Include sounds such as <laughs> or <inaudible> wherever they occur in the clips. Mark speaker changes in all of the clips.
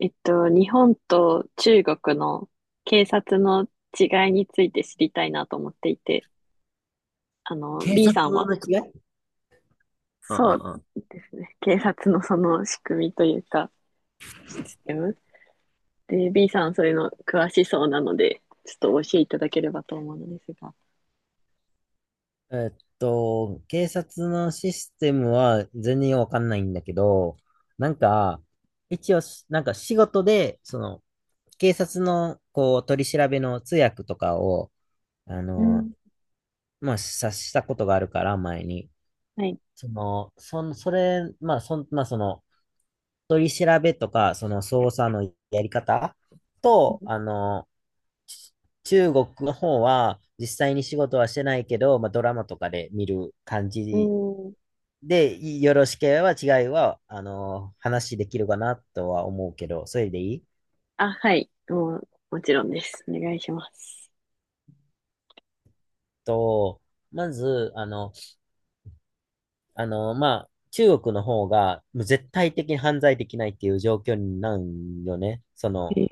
Speaker 1: 日本と中国の警察の違いについて知りたいなと思っていて、
Speaker 2: 警
Speaker 1: B
Speaker 2: 察
Speaker 1: さんは、
Speaker 2: の違い。うん
Speaker 1: そう
Speaker 2: うん
Speaker 1: ですね、警察のその仕組みというか、システム。で、B さんそういうの詳しそうなので、ちょっとお教えていただければと思うのですが。
Speaker 2: うん。警察のシステムは全然わかんないんだけど、なんか、一応し、なんか仕事で、その、警察の、こう、取り調べの通訳とかを、あ
Speaker 1: う
Speaker 2: の、
Speaker 1: ん、
Speaker 2: まあ、さしたことがあるから、前に。
Speaker 1: はい。
Speaker 2: その、そん、それ、まあ、そん、まあ、その、取り調べとか、その、捜査のやり方と、ち中国の方は実際に仕事はしてないけど、まあ、ドラマとかで見る感
Speaker 1: う
Speaker 2: じ
Speaker 1: ん。
Speaker 2: で、よろしければ違いは、あの、話できるかなとは思うけど、それでいい？
Speaker 1: あ、はい。もう、もちろんです。お願いします。
Speaker 2: と、まず、あの、まあ、中国の方がもう絶対的に犯罪できないっていう状況になるよね。そ
Speaker 1: へ
Speaker 2: の、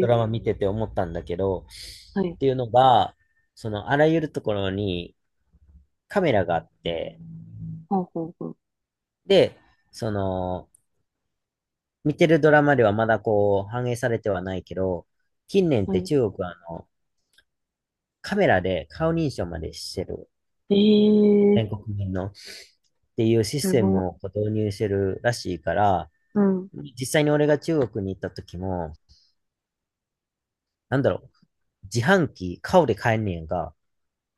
Speaker 2: ドラマ見てて思ったんだけど、
Speaker 1: はい。
Speaker 2: っていうのが、その、あらゆるところにカメラがあって、
Speaker 1: ほうほうほう。
Speaker 2: で、その、見てるドラマではまだこう反映されてはないけど、近年っ
Speaker 1: は
Speaker 2: て
Speaker 1: い。
Speaker 2: 中国はカメラで顔認証までしてる、
Speaker 1: ええ
Speaker 2: 全国民のっていうシス
Speaker 1: す
Speaker 2: テ
Speaker 1: ご。
Speaker 2: ムをこう導入してるらしいから、
Speaker 1: うん。
Speaker 2: 実際に俺が中国に行った時も、なんだろう、自販機顔で買えんねやんか。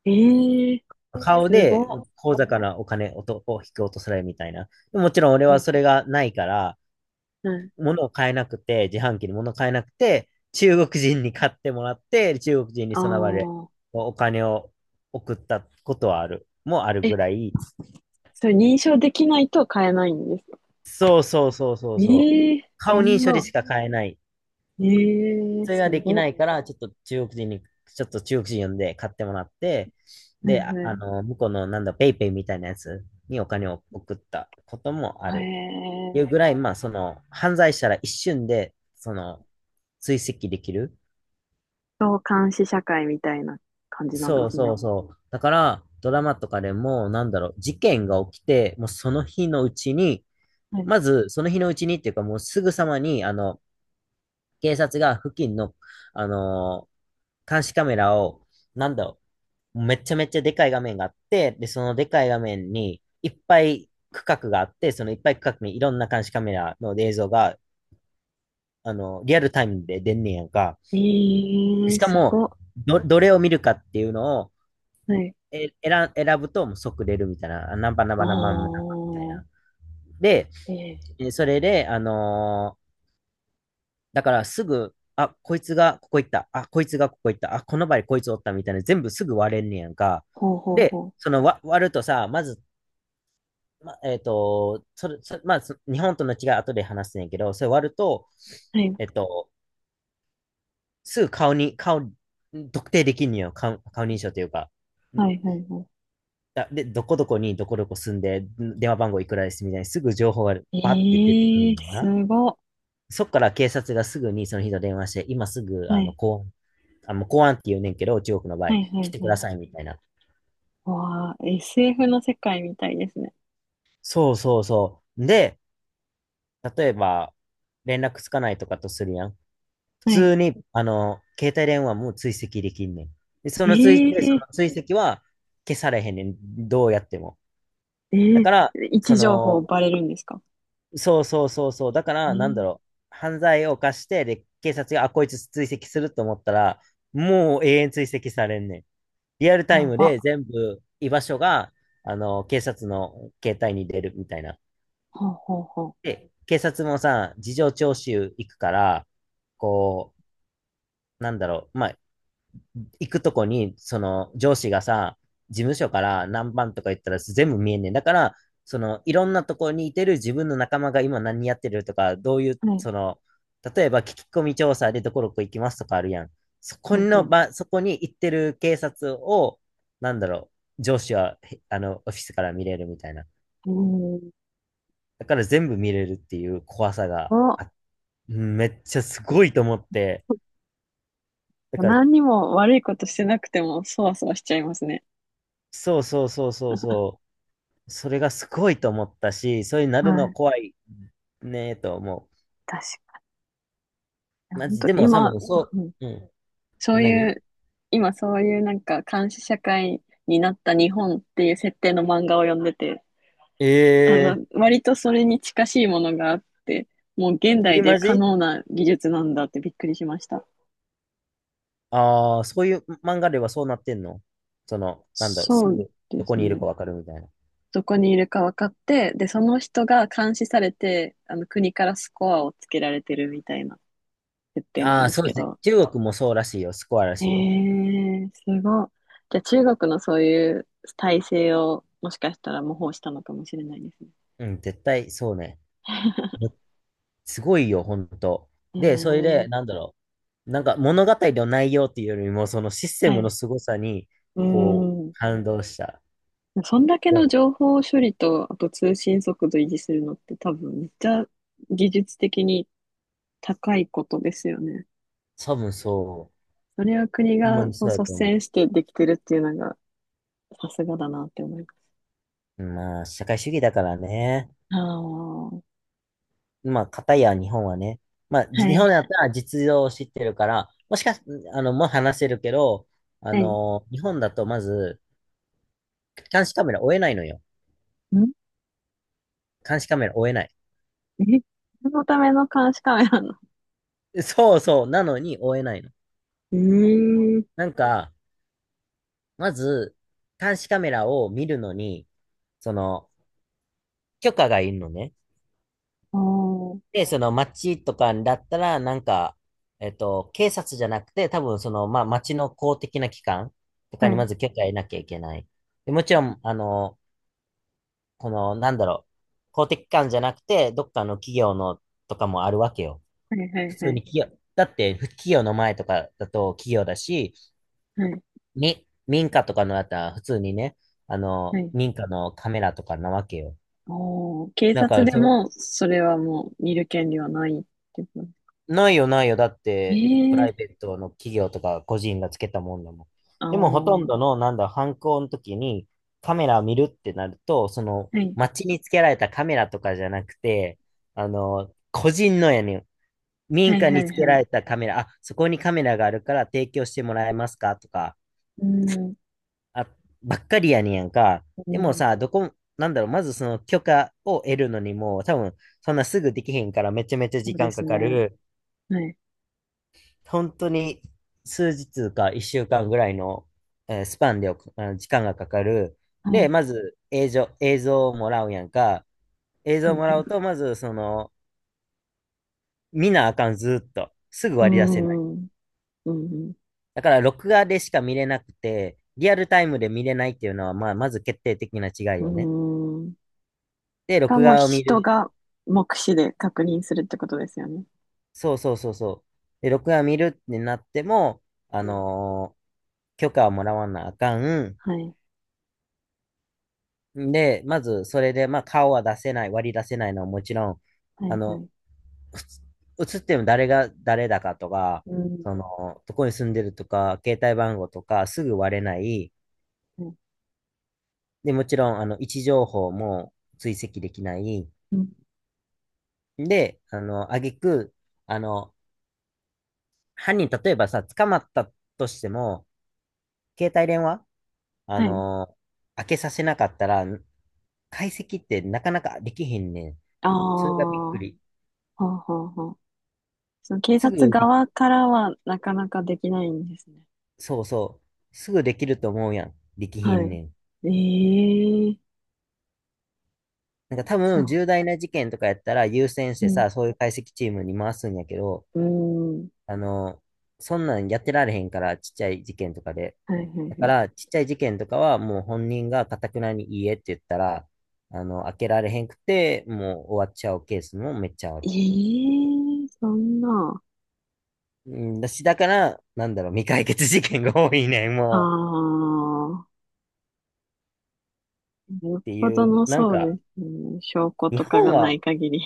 Speaker 1: ええ
Speaker 2: 顔
Speaker 1: すご
Speaker 2: で
Speaker 1: っ。
Speaker 2: 口座からお金を引き落とされるみたいな。もちろん俺はそれ
Speaker 1: ほ
Speaker 2: がないから、
Speaker 1: うはい。
Speaker 2: 物を買えなくて、自販機に物を買えなくて、中国人に買ってもらって、中国人に
Speaker 1: あ
Speaker 2: その場で
Speaker 1: あ。
Speaker 2: お金を送ったことはある、もある
Speaker 1: え、
Speaker 2: ぐらい、
Speaker 1: それ認証できないと買えないんですか？
Speaker 2: そうそうそうそうそう、
Speaker 1: ええそ
Speaker 2: 顔認
Speaker 1: ん
Speaker 2: 証で
Speaker 1: な。
Speaker 2: しか買えない。
Speaker 1: ええ
Speaker 2: それが
Speaker 1: す
Speaker 2: でき
Speaker 1: ご
Speaker 2: な
Speaker 1: っ。
Speaker 2: いから、ちょっと中国人呼んで買ってもらって、
Speaker 1: はい
Speaker 2: で、
Speaker 1: はい。
Speaker 2: 向こうのなんだ、ペイペイみたいなやつにお金を送ったこともある。
Speaker 1: え
Speaker 2: いうぐ
Speaker 1: え
Speaker 2: らい、まあ、その、犯罪したら一瞬で、その、追跡できる。
Speaker 1: そう、監視社会みたいな感じなんで
Speaker 2: そう
Speaker 1: す
Speaker 2: そ
Speaker 1: ね。
Speaker 2: うそう。だから、ドラマとかでも、なんだろう、事件が起きて、もうその日のうちに、
Speaker 1: はい。
Speaker 2: まず、その日のうちにっていうか、もうすぐさまに、あの、警察が付近の、あのー監視カメラを、なんだろう、めちゃめちゃでかい画面があって、で、そのでかい画面に、いっぱい区画があって、そのいっぱい区画にいろんな監視カメラの映像が、あの、リアルタイムで出んねやんか。
Speaker 1: ええ
Speaker 2: しか
Speaker 1: す
Speaker 2: も、
Speaker 1: ごっ。
Speaker 2: どれを見るかっていうのを、
Speaker 1: はい。
Speaker 2: 選ぶともう即出るみたいな、あナンパナン
Speaker 1: あ
Speaker 2: パナンパナンパみたいな。
Speaker 1: あ。
Speaker 2: で、
Speaker 1: ええ
Speaker 2: それで、だからすぐ、あ、こいつがここ行った、あ、こいつがここ行った、あ、この場合こいつおったみたいな、全部すぐ割れんねやんか。
Speaker 1: ほうほうほ
Speaker 2: で、
Speaker 1: う。
Speaker 2: 割るとさ、まず、ま、えっと、それ、そまあ、そ日本との違い後で話すねんけど、それ割ると、
Speaker 1: はい。
Speaker 2: えっと、すぐ顔に、顔、特定できんのよ、顔、顔認証というか。
Speaker 1: はいはいは
Speaker 2: で、どこどこにどこどこ住んで、電話番号いくらですみたいにすぐ情報がパッて出てく
Speaker 1: い。
Speaker 2: る
Speaker 1: ええ
Speaker 2: のな。
Speaker 1: すごっ。
Speaker 2: そっから警察がすぐにその人と電話して、今すぐ
Speaker 1: は
Speaker 2: あの
Speaker 1: い。
Speaker 2: 公安、あの公安って言うねんけど、中国の場
Speaker 1: は
Speaker 2: 合、
Speaker 1: いは
Speaker 2: 来
Speaker 1: い
Speaker 2: て
Speaker 1: は
Speaker 2: くだ
Speaker 1: い。
Speaker 2: さいみたいな。
Speaker 1: わあ、SF の世界みたいですね。
Speaker 2: そうそうそう。で、例えば連絡つかないとかとするやん。普
Speaker 1: はい。
Speaker 2: 通にあの携帯電話も追跡できんねん。で、
Speaker 1: え
Speaker 2: そ
Speaker 1: え
Speaker 2: の追跡は消されへんねん。どうやっても。だ
Speaker 1: ええ
Speaker 2: から、
Speaker 1: 位
Speaker 2: そ
Speaker 1: 置情報
Speaker 2: の、
Speaker 1: バレるんですか？
Speaker 2: そうそうそうそう。だから、なんだ
Speaker 1: ええ
Speaker 2: ろう。犯罪を犯して、で、警察が、あ、こいつ追跡すると思ったら、もう永遠追跡されんねん。リアルタイ
Speaker 1: や
Speaker 2: ム
Speaker 1: ば。
Speaker 2: で全部居場所が、あの、警察の携帯に出るみたいな。
Speaker 1: ほうほうほ
Speaker 2: で、警察もさ、事情聴取行くから、こなんだろう。まあ、行くとこに、その上司がさ、事務所から何番とか言ったら全部見えんねん。だから、そのいろんなとこにいてる自分の仲間が今何やってるとか、どういう、
Speaker 1: う。はい、
Speaker 2: その、例えば聞き込み調査でどこどこ行きますとかあるやん。
Speaker 1: はい、はい。
Speaker 2: そこに行ってる警察を、なんだろう、上司は、あの、オフィスから見れるみたいな。
Speaker 1: ええ
Speaker 2: だから全部見れるっていう怖さ
Speaker 1: お、
Speaker 2: があ、めっちゃすごいと思って。だから、
Speaker 1: 何にも悪いことしてなくても、そわそわしちゃいますね。
Speaker 2: そうそうそうそうそれがすごいと思ったし、そういうな
Speaker 1: は
Speaker 2: るの
Speaker 1: い、
Speaker 2: 怖いねと思
Speaker 1: 確かに。
Speaker 2: う。マ
Speaker 1: 本
Speaker 2: ジ、
Speaker 1: 当
Speaker 2: でも多
Speaker 1: 今、
Speaker 2: 分そ
Speaker 1: うん
Speaker 2: う、うん。
Speaker 1: そうい
Speaker 2: 何。
Speaker 1: う、今そういうなんか監視社会になった日本っていう設定の漫画を読んでて、
Speaker 2: ええ
Speaker 1: 割とそれに近しいものがあって、もう現代
Speaker 2: え、
Speaker 1: で
Speaker 2: マ
Speaker 1: 可
Speaker 2: ジ。
Speaker 1: 能な技術なんだってびっくりしました。
Speaker 2: ああー、そういう漫画ではそうなってんの？その、なんだろう、
Speaker 1: そ
Speaker 2: す
Speaker 1: う
Speaker 2: ぐ
Speaker 1: で
Speaker 2: どこ
Speaker 1: す
Speaker 2: にいる
Speaker 1: ね。
Speaker 2: かわかるみたいな。
Speaker 1: どこにいるか分かって、で、その人が監視されて、国からスコアをつけられてるみたいな設定な
Speaker 2: あ
Speaker 1: ん
Speaker 2: あ、
Speaker 1: です
Speaker 2: そうで
Speaker 1: け
Speaker 2: すね。
Speaker 1: ど。
Speaker 2: 中国もそうらしいよ。スコアら
Speaker 1: え
Speaker 2: しいよ。
Speaker 1: ー、すごい。じゃあ中国のそういう体制をもしかしたら模倣したのかもしれないですね。
Speaker 2: うん、絶対そうね。
Speaker 1: <laughs>
Speaker 2: めすごいよ、ほんと。
Speaker 1: え
Speaker 2: で、それで、
Speaker 1: ー、
Speaker 2: なんだろう。なんか物語の内容っていうよりも、そのシステ
Speaker 1: は
Speaker 2: ムの
Speaker 1: い。
Speaker 2: 凄さに、
Speaker 1: うー
Speaker 2: こう、
Speaker 1: ん。
Speaker 2: 感動した。
Speaker 1: そんだけ
Speaker 2: で、
Speaker 1: の情報処理と、あと通信速度維持するのって多分めっちゃ技術的に高いことですよね。
Speaker 2: 多分そう。
Speaker 1: それを国
Speaker 2: ほんま
Speaker 1: が
Speaker 2: に
Speaker 1: こう
Speaker 2: そうだ
Speaker 1: 率
Speaker 2: と思
Speaker 1: 先してできてるっていうのが、さすがだなって思います。
Speaker 2: う。まあ、社会主義だからね。
Speaker 1: ああ、は
Speaker 2: まあ、片や日本はね。まあ、日本
Speaker 1: い、
Speaker 2: だったら実情を知ってるから、もしかし、あの、もう話せるけど、あ
Speaker 1: はい。ん
Speaker 2: の、日本だとまず、監視カメラ追えないのよ。監視カメラ追えない。
Speaker 1: えそのための監視カメラの。
Speaker 2: そうそう、なのに追えないの。
Speaker 1: うーん。
Speaker 2: なんか、まず、監視カメラを見るのに、その、許可がいるのね。
Speaker 1: おー、
Speaker 2: で、その町とかだったら、なんか、警察じゃなくて、多分その、まあ、町の公的な機関とか
Speaker 1: は
Speaker 2: にま
Speaker 1: い、
Speaker 2: ず許可得なきゃいけない。で、もちろん、あの、この、なんだろう、公的機関じゃなくて、どっかの企業のとかもあるわけよ。
Speaker 1: はい、は
Speaker 2: 普
Speaker 1: い、は
Speaker 2: 通に
Speaker 1: い、
Speaker 2: 企業、だって、企業の前とかだと企業だし、
Speaker 1: はい、
Speaker 2: 民家とかのだったら、普通にね、あ
Speaker 1: は
Speaker 2: の、
Speaker 1: い。
Speaker 2: 民家のカメラとかなわけよ。
Speaker 1: おー、警
Speaker 2: なん
Speaker 1: 察
Speaker 2: か、
Speaker 1: で
Speaker 2: その、
Speaker 1: も、それはもう見る権利はないってこと。
Speaker 2: ないよ、ないよ。だっ
Speaker 1: え
Speaker 2: て、プ
Speaker 1: え
Speaker 2: ラ
Speaker 1: ー、
Speaker 2: イベートの企業とか個人がつけたもんだもん。
Speaker 1: あ
Speaker 2: でも、ほとんど
Speaker 1: ー、
Speaker 2: の、なんだ、犯行の時にカメラを見るってなると、その、
Speaker 1: はい、
Speaker 2: 街につけられたカメラとかじゃなくて、あの、個人のやねん。民
Speaker 1: はい、
Speaker 2: 家
Speaker 1: は
Speaker 2: に
Speaker 1: い、
Speaker 2: つけ
Speaker 1: は
Speaker 2: ら
Speaker 1: い。
Speaker 2: れたカメラ、あ、そこにカメラがあるから提供してもらえますかとか、
Speaker 1: うーん、
Speaker 2: あ、ばっかりやねんやんか。
Speaker 1: う
Speaker 2: でも
Speaker 1: ん、
Speaker 2: さ、どこ、なんだろう、まずその許可を得るのにも、多分、そんなすぐできへんからめちゃめちゃ
Speaker 1: そ
Speaker 2: 時
Speaker 1: うで
Speaker 2: 間か
Speaker 1: す
Speaker 2: か
Speaker 1: ね。
Speaker 2: る。
Speaker 1: はい、
Speaker 2: 本当に数日か1週間ぐらいの、スパンであの時間がかかる。
Speaker 1: は
Speaker 2: で、
Speaker 1: い、
Speaker 2: まず映像、映像をもらうやんか。映像
Speaker 1: は
Speaker 2: を
Speaker 1: い、
Speaker 2: もら
Speaker 1: は
Speaker 2: うと、
Speaker 1: い。
Speaker 2: まずその、見なあかん、ずーっと。すぐ
Speaker 1: うー
Speaker 2: 割り出せない。
Speaker 1: ん、うん、
Speaker 2: だから、録画でしか見れなくて、リアルタイムで見れないっていうのは、まあ、まず決定的な違い
Speaker 1: う
Speaker 2: よね。
Speaker 1: ん、うーん。
Speaker 2: で、
Speaker 1: が
Speaker 2: 録
Speaker 1: もう
Speaker 2: 画を見
Speaker 1: 人
Speaker 2: る。
Speaker 1: が目視で確認するってことですよね。
Speaker 2: そうそうそうそう。で、録画を見るってなっても、あ
Speaker 1: うん。
Speaker 2: のー許可をもらわなあかん。
Speaker 1: はい。
Speaker 2: で、まず、それで、まあ、顔は出せない、割り出せないのはもちろん、
Speaker 1: は
Speaker 2: あ
Speaker 1: い、は
Speaker 2: の、
Speaker 1: い。
Speaker 2: ふつ写っても誰が誰だかとか、
Speaker 1: うん。
Speaker 2: その、どこに住んでるとか、携帯番号とか、すぐ割れない。
Speaker 1: はい。
Speaker 2: で、もちろん、あの、位置情報も追跡できない。
Speaker 1: うん。
Speaker 2: で、挙句、あの、犯人、例えばさ、捕まったとしても、携帯電話、あ
Speaker 1: はい。
Speaker 2: の、開けさせなかったら、解析ってなかなかできへんねん。
Speaker 1: あ
Speaker 2: それがびっ
Speaker 1: あ、は
Speaker 2: くり。
Speaker 1: ははその警
Speaker 2: すぐ
Speaker 1: 察側からはなかなかできないんですね。
Speaker 2: そうそう。すぐできると思うやん。できひ
Speaker 1: は
Speaker 2: ん
Speaker 1: い。
Speaker 2: ねん。
Speaker 1: ええー
Speaker 2: なんか多分
Speaker 1: そ
Speaker 2: 重大な事件とかやったら優先し
Speaker 1: う。
Speaker 2: て
Speaker 1: ね。
Speaker 2: さ、そういう解析チームに回すんやけど、
Speaker 1: うーん。
Speaker 2: あの、そんなんやってられへんから、ちっちゃい事件とかで。
Speaker 1: はいはい
Speaker 2: だ
Speaker 1: は
Speaker 2: か
Speaker 1: い。
Speaker 2: ら、ちっちゃい事件とかはもう本人が頑くなにいいえって言ったら、開けられへんくて、もう終わっちゃうケースもめっちゃあ
Speaker 1: ええ
Speaker 2: る。
Speaker 1: ーそんな。
Speaker 2: うん。だし、だから、なんだろう、未解決事件が多いねん、
Speaker 1: あ
Speaker 2: もう。
Speaker 1: あ。よっ
Speaker 2: って
Speaker 1: ぽ
Speaker 2: い
Speaker 1: ど
Speaker 2: う、
Speaker 1: の
Speaker 2: なん
Speaker 1: そう
Speaker 2: か、
Speaker 1: ですね。証拠
Speaker 2: 日
Speaker 1: とかが
Speaker 2: 本
Speaker 1: な
Speaker 2: は
Speaker 1: い限り。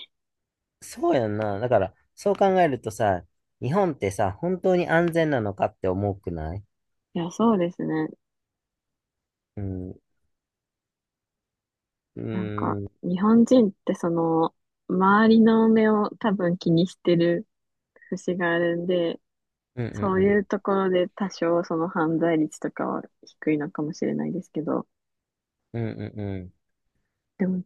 Speaker 2: そうやんな。だから、そう考えるとさ、日本ってさ、本当に安全なのかって思うくない？
Speaker 1: いや、そうですね。
Speaker 2: うん、うー
Speaker 1: なん
Speaker 2: ん、
Speaker 1: か、
Speaker 2: うん、
Speaker 1: 日本人ってその、周りの目を多分気にしてる節があるんで、
Speaker 2: う
Speaker 1: そうい
Speaker 2: ん、
Speaker 1: うところで多少その犯罪率とかは低いのかもしれないですけど、
Speaker 2: うん、うん、うん。うん。
Speaker 1: でも、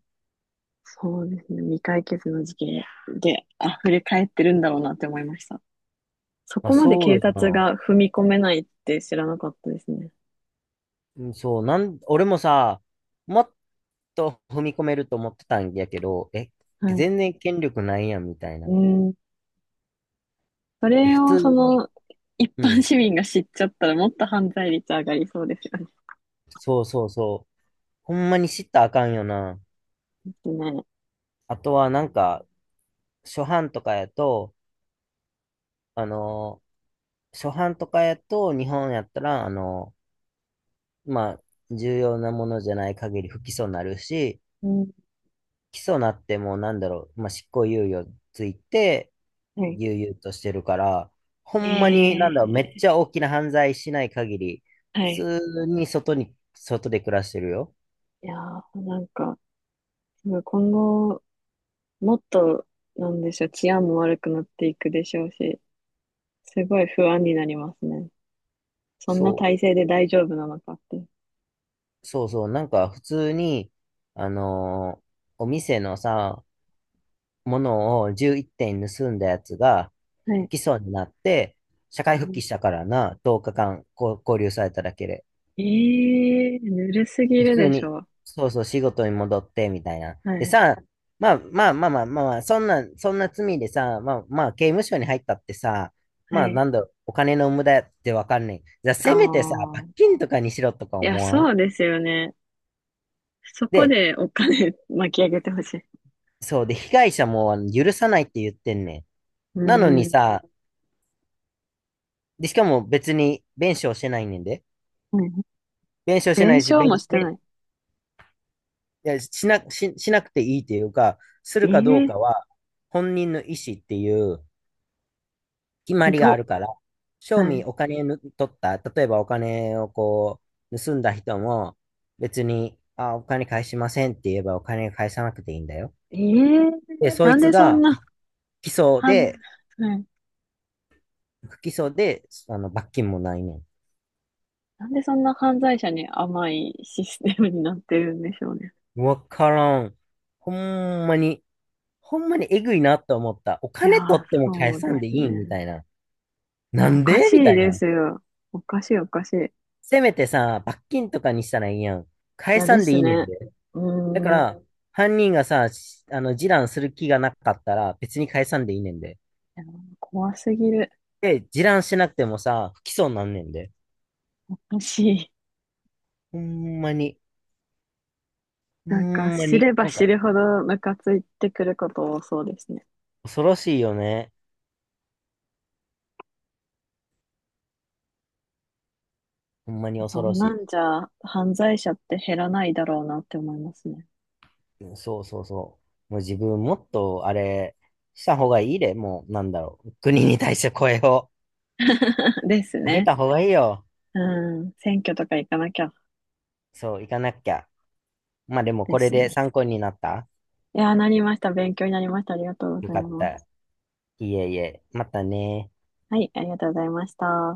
Speaker 1: そうですね、未解決の事件で溢れ返ってるんだろうなって思いました。そ
Speaker 2: まあ、
Speaker 1: こまで
Speaker 2: そう
Speaker 1: 警
Speaker 2: よ
Speaker 1: 察
Speaker 2: な。
Speaker 1: が踏み込めないって知らなかったですね。
Speaker 2: うん。そう、俺もさ、もっと踏み込めると思ってたんやけど、
Speaker 1: はい。
Speaker 2: 全然権力ないやん、みたいな。
Speaker 1: うん。そ
Speaker 2: で、
Speaker 1: れ
Speaker 2: 普
Speaker 1: を
Speaker 2: 通
Speaker 1: そ
Speaker 2: に、
Speaker 1: の、一
Speaker 2: う
Speaker 1: 般
Speaker 2: ん、
Speaker 1: 市民が知っちゃったらもっと犯罪率上がりそうですよ
Speaker 2: そうそうそう。ほんまに知ったらあかんよな。
Speaker 1: ね。ね。
Speaker 2: あとは、なんか、初版とかやと、あのー初版とかやと、日本やったら、まあ、重要なものじゃない限り不起訴になるし、
Speaker 1: うん。
Speaker 2: 起訴なってもなんだろう、まあ、執行猶予ついて、
Speaker 1: はい
Speaker 2: 悠々としてるから、ほんまに
Speaker 1: え
Speaker 2: なんだろう、めっ
Speaker 1: え
Speaker 2: ちゃ大きな犯罪しない限り、
Speaker 1: は
Speaker 2: 普
Speaker 1: い。
Speaker 2: 通に外で暮らしてるよ。
Speaker 1: いやー、なんか、すごい今後、もっと、なんでしょう、治安も悪くなっていくでしょうし、すごい不安になりますね。そんな
Speaker 2: そ
Speaker 1: 体制で大丈夫なのかって。
Speaker 2: う、そうそう、なんか普通に、あのーお店のさ、ものを11点盗んだやつが
Speaker 1: は
Speaker 2: 不
Speaker 1: い。
Speaker 2: 起訴になって、社会復帰したからな、10日間こう拘留されただけで。
Speaker 1: ええぬるすぎ
Speaker 2: 普
Speaker 1: る
Speaker 2: 通
Speaker 1: でし
Speaker 2: に、
Speaker 1: ょう。
Speaker 2: そうそう、仕事に戻って、みたいな。
Speaker 1: は
Speaker 2: で
Speaker 1: い。
Speaker 2: さ、まあまあまあまあまあ、まあそんな罪でさ、まあまあ、刑務所に入ったってさ、
Speaker 1: は
Speaker 2: まあ
Speaker 1: い。
Speaker 2: なんだろう、お金の無駄ってわかんない。じゃあ、
Speaker 1: あ
Speaker 2: せめてさ、
Speaker 1: あ。
Speaker 2: 罰金とかにしろとか
Speaker 1: いや、
Speaker 2: 思わん？
Speaker 1: そうですよね。そこ
Speaker 2: で、
Speaker 1: でお金 <laughs> 巻き上げてほしい。
Speaker 2: そうで、被害者もあの許さないって言ってんね
Speaker 1: う
Speaker 2: ん。なの
Speaker 1: ー
Speaker 2: に
Speaker 1: ん。
Speaker 2: さ、で、しかも別に弁償してないねんで。
Speaker 1: はい
Speaker 2: 弁償して
Speaker 1: 弁
Speaker 2: ないし、
Speaker 1: 償もしてない。
Speaker 2: いや、しなくていいっていうか、するかどう
Speaker 1: え
Speaker 2: か
Speaker 1: え
Speaker 2: は、本人の意思っていう、決ま
Speaker 1: ひ
Speaker 2: り
Speaker 1: ど
Speaker 2: があ
Speaker 1: っ。
Speaker 2: るから、賞
Speaker 1: は
Speaker 2: 味
Speaker 1: い。
Speaker 2: お金ぬ取った、例えばお金をこう、盗んだ人も、別に、あ、お金返しませんって言えばお金返さなくていいんだよ。
Speaker 1: ええ
Speaker 2: で、そ
Speaker 1: な
Speaker 2: い
Speaker 1: ん
Speaker 2: つ
Speaker 1: でそん
Speaker 2: が、
Speaker 1: な
Speaker 2: 起訴
Speaker 1: 犯、
Speaker 2: で、
Speaker 1: はい。
Speaker 2: 不起訴で、罰金もないね
Speaker 1: なんでそんな犯罪者に甘いシステムになってるんでしょうね。
Speaker 2: ん。わからん。ほんまに、ほんまにえぐいなと思った。お
Speaker 1: いや
Speaker 2: 金取
Speaker 1: ー、
Speaker 2: っても返
Speaker 1: そう
Speaker 2: さ
Speaker 1: で
Speaker 2: んで
Speaker 1: す
Speaker 2: いいんみ
Speaker 1: ね。
Speaker 2: たいな。
Speaker 1: い
Speaker 2: な
Speaker 1: や、お
Speaker 2: ん
Speaker 1: か
Speaker 2: で
Speaker 1: し
Speaker 2: みた
Speaker 1: い
Speaker 2: い
Speaker 1: で
Speaker 2: な。
Speaker 1: すよ。おかしい、おかしい。い
Speaker 2: せめてさ、罰金とかにしたらいいやん。返
Speaker 1: や、
Speaker 2: さ
Speaker 1: で
Speaker 2: んで
Speaker 1: す
Speaker 2: いいねん
Speaker 1: ね。
Speaker 2: で。
Speaker 1: う
Speaker 2: だか
Speaker 1: ーん。い
Speaker 2: ら、犯人がさ、しあの、示談する気がなかったら、別に返さんでいいねんで。
Speaker 1: や、怖すぎる。
Speaker 2: で、示談しなくてもさ、不起訴になんねんで。
Speaker 1: おかしい。
Speaker 2: ほんまに、ほ
Speaker 1: なんか、
Speaker 2: んま
Speaker 1: 知
Speaker 2: に、
Speaker 1: れば
Speaker 2: なん
Speaker 1: 知
Speaker 2: か、
Speaker 1: るほどムカついてくること多そうですね。
Speaker 2: 恐ろしいよね。ほんまに恐
Speaker 1: そ
Speaker 2: ろ
Speaker 1: んな
Speaker 2: し
Speaker 1: んじゃ、犯罪者って減らないだろうなって思いますね。
Speaker 2: い。うん。そうそうそう。もう自分もっと、あれ、した方がいいで、もう、なんだろう。国に対して声を
Speaker 1: <laughs> です
Speaker 2: 上げ
Speaker 1: ね。
Speaker 2: た方がいいよ。
Speaker 1: うん。選挙とか行かなきゃ
Speaker 2: そう、行かなきゃ。まあでも、
Speaker 1: で
Speaker 2: これ
Speaker 1: す
Speaker 2: で
Speaker 1: ね。
Speaker 2: 参考になった？
Speaker 1: いやー、なりました。勉強になりました。ありがとうご
Speaker 2: よ
Speaker 1: ざい
Speaker 2: かっ
Speaker 1: ます。
Speaker 2: た。いえいえ、またね。
Speaker 1: はい、ありがとうございました。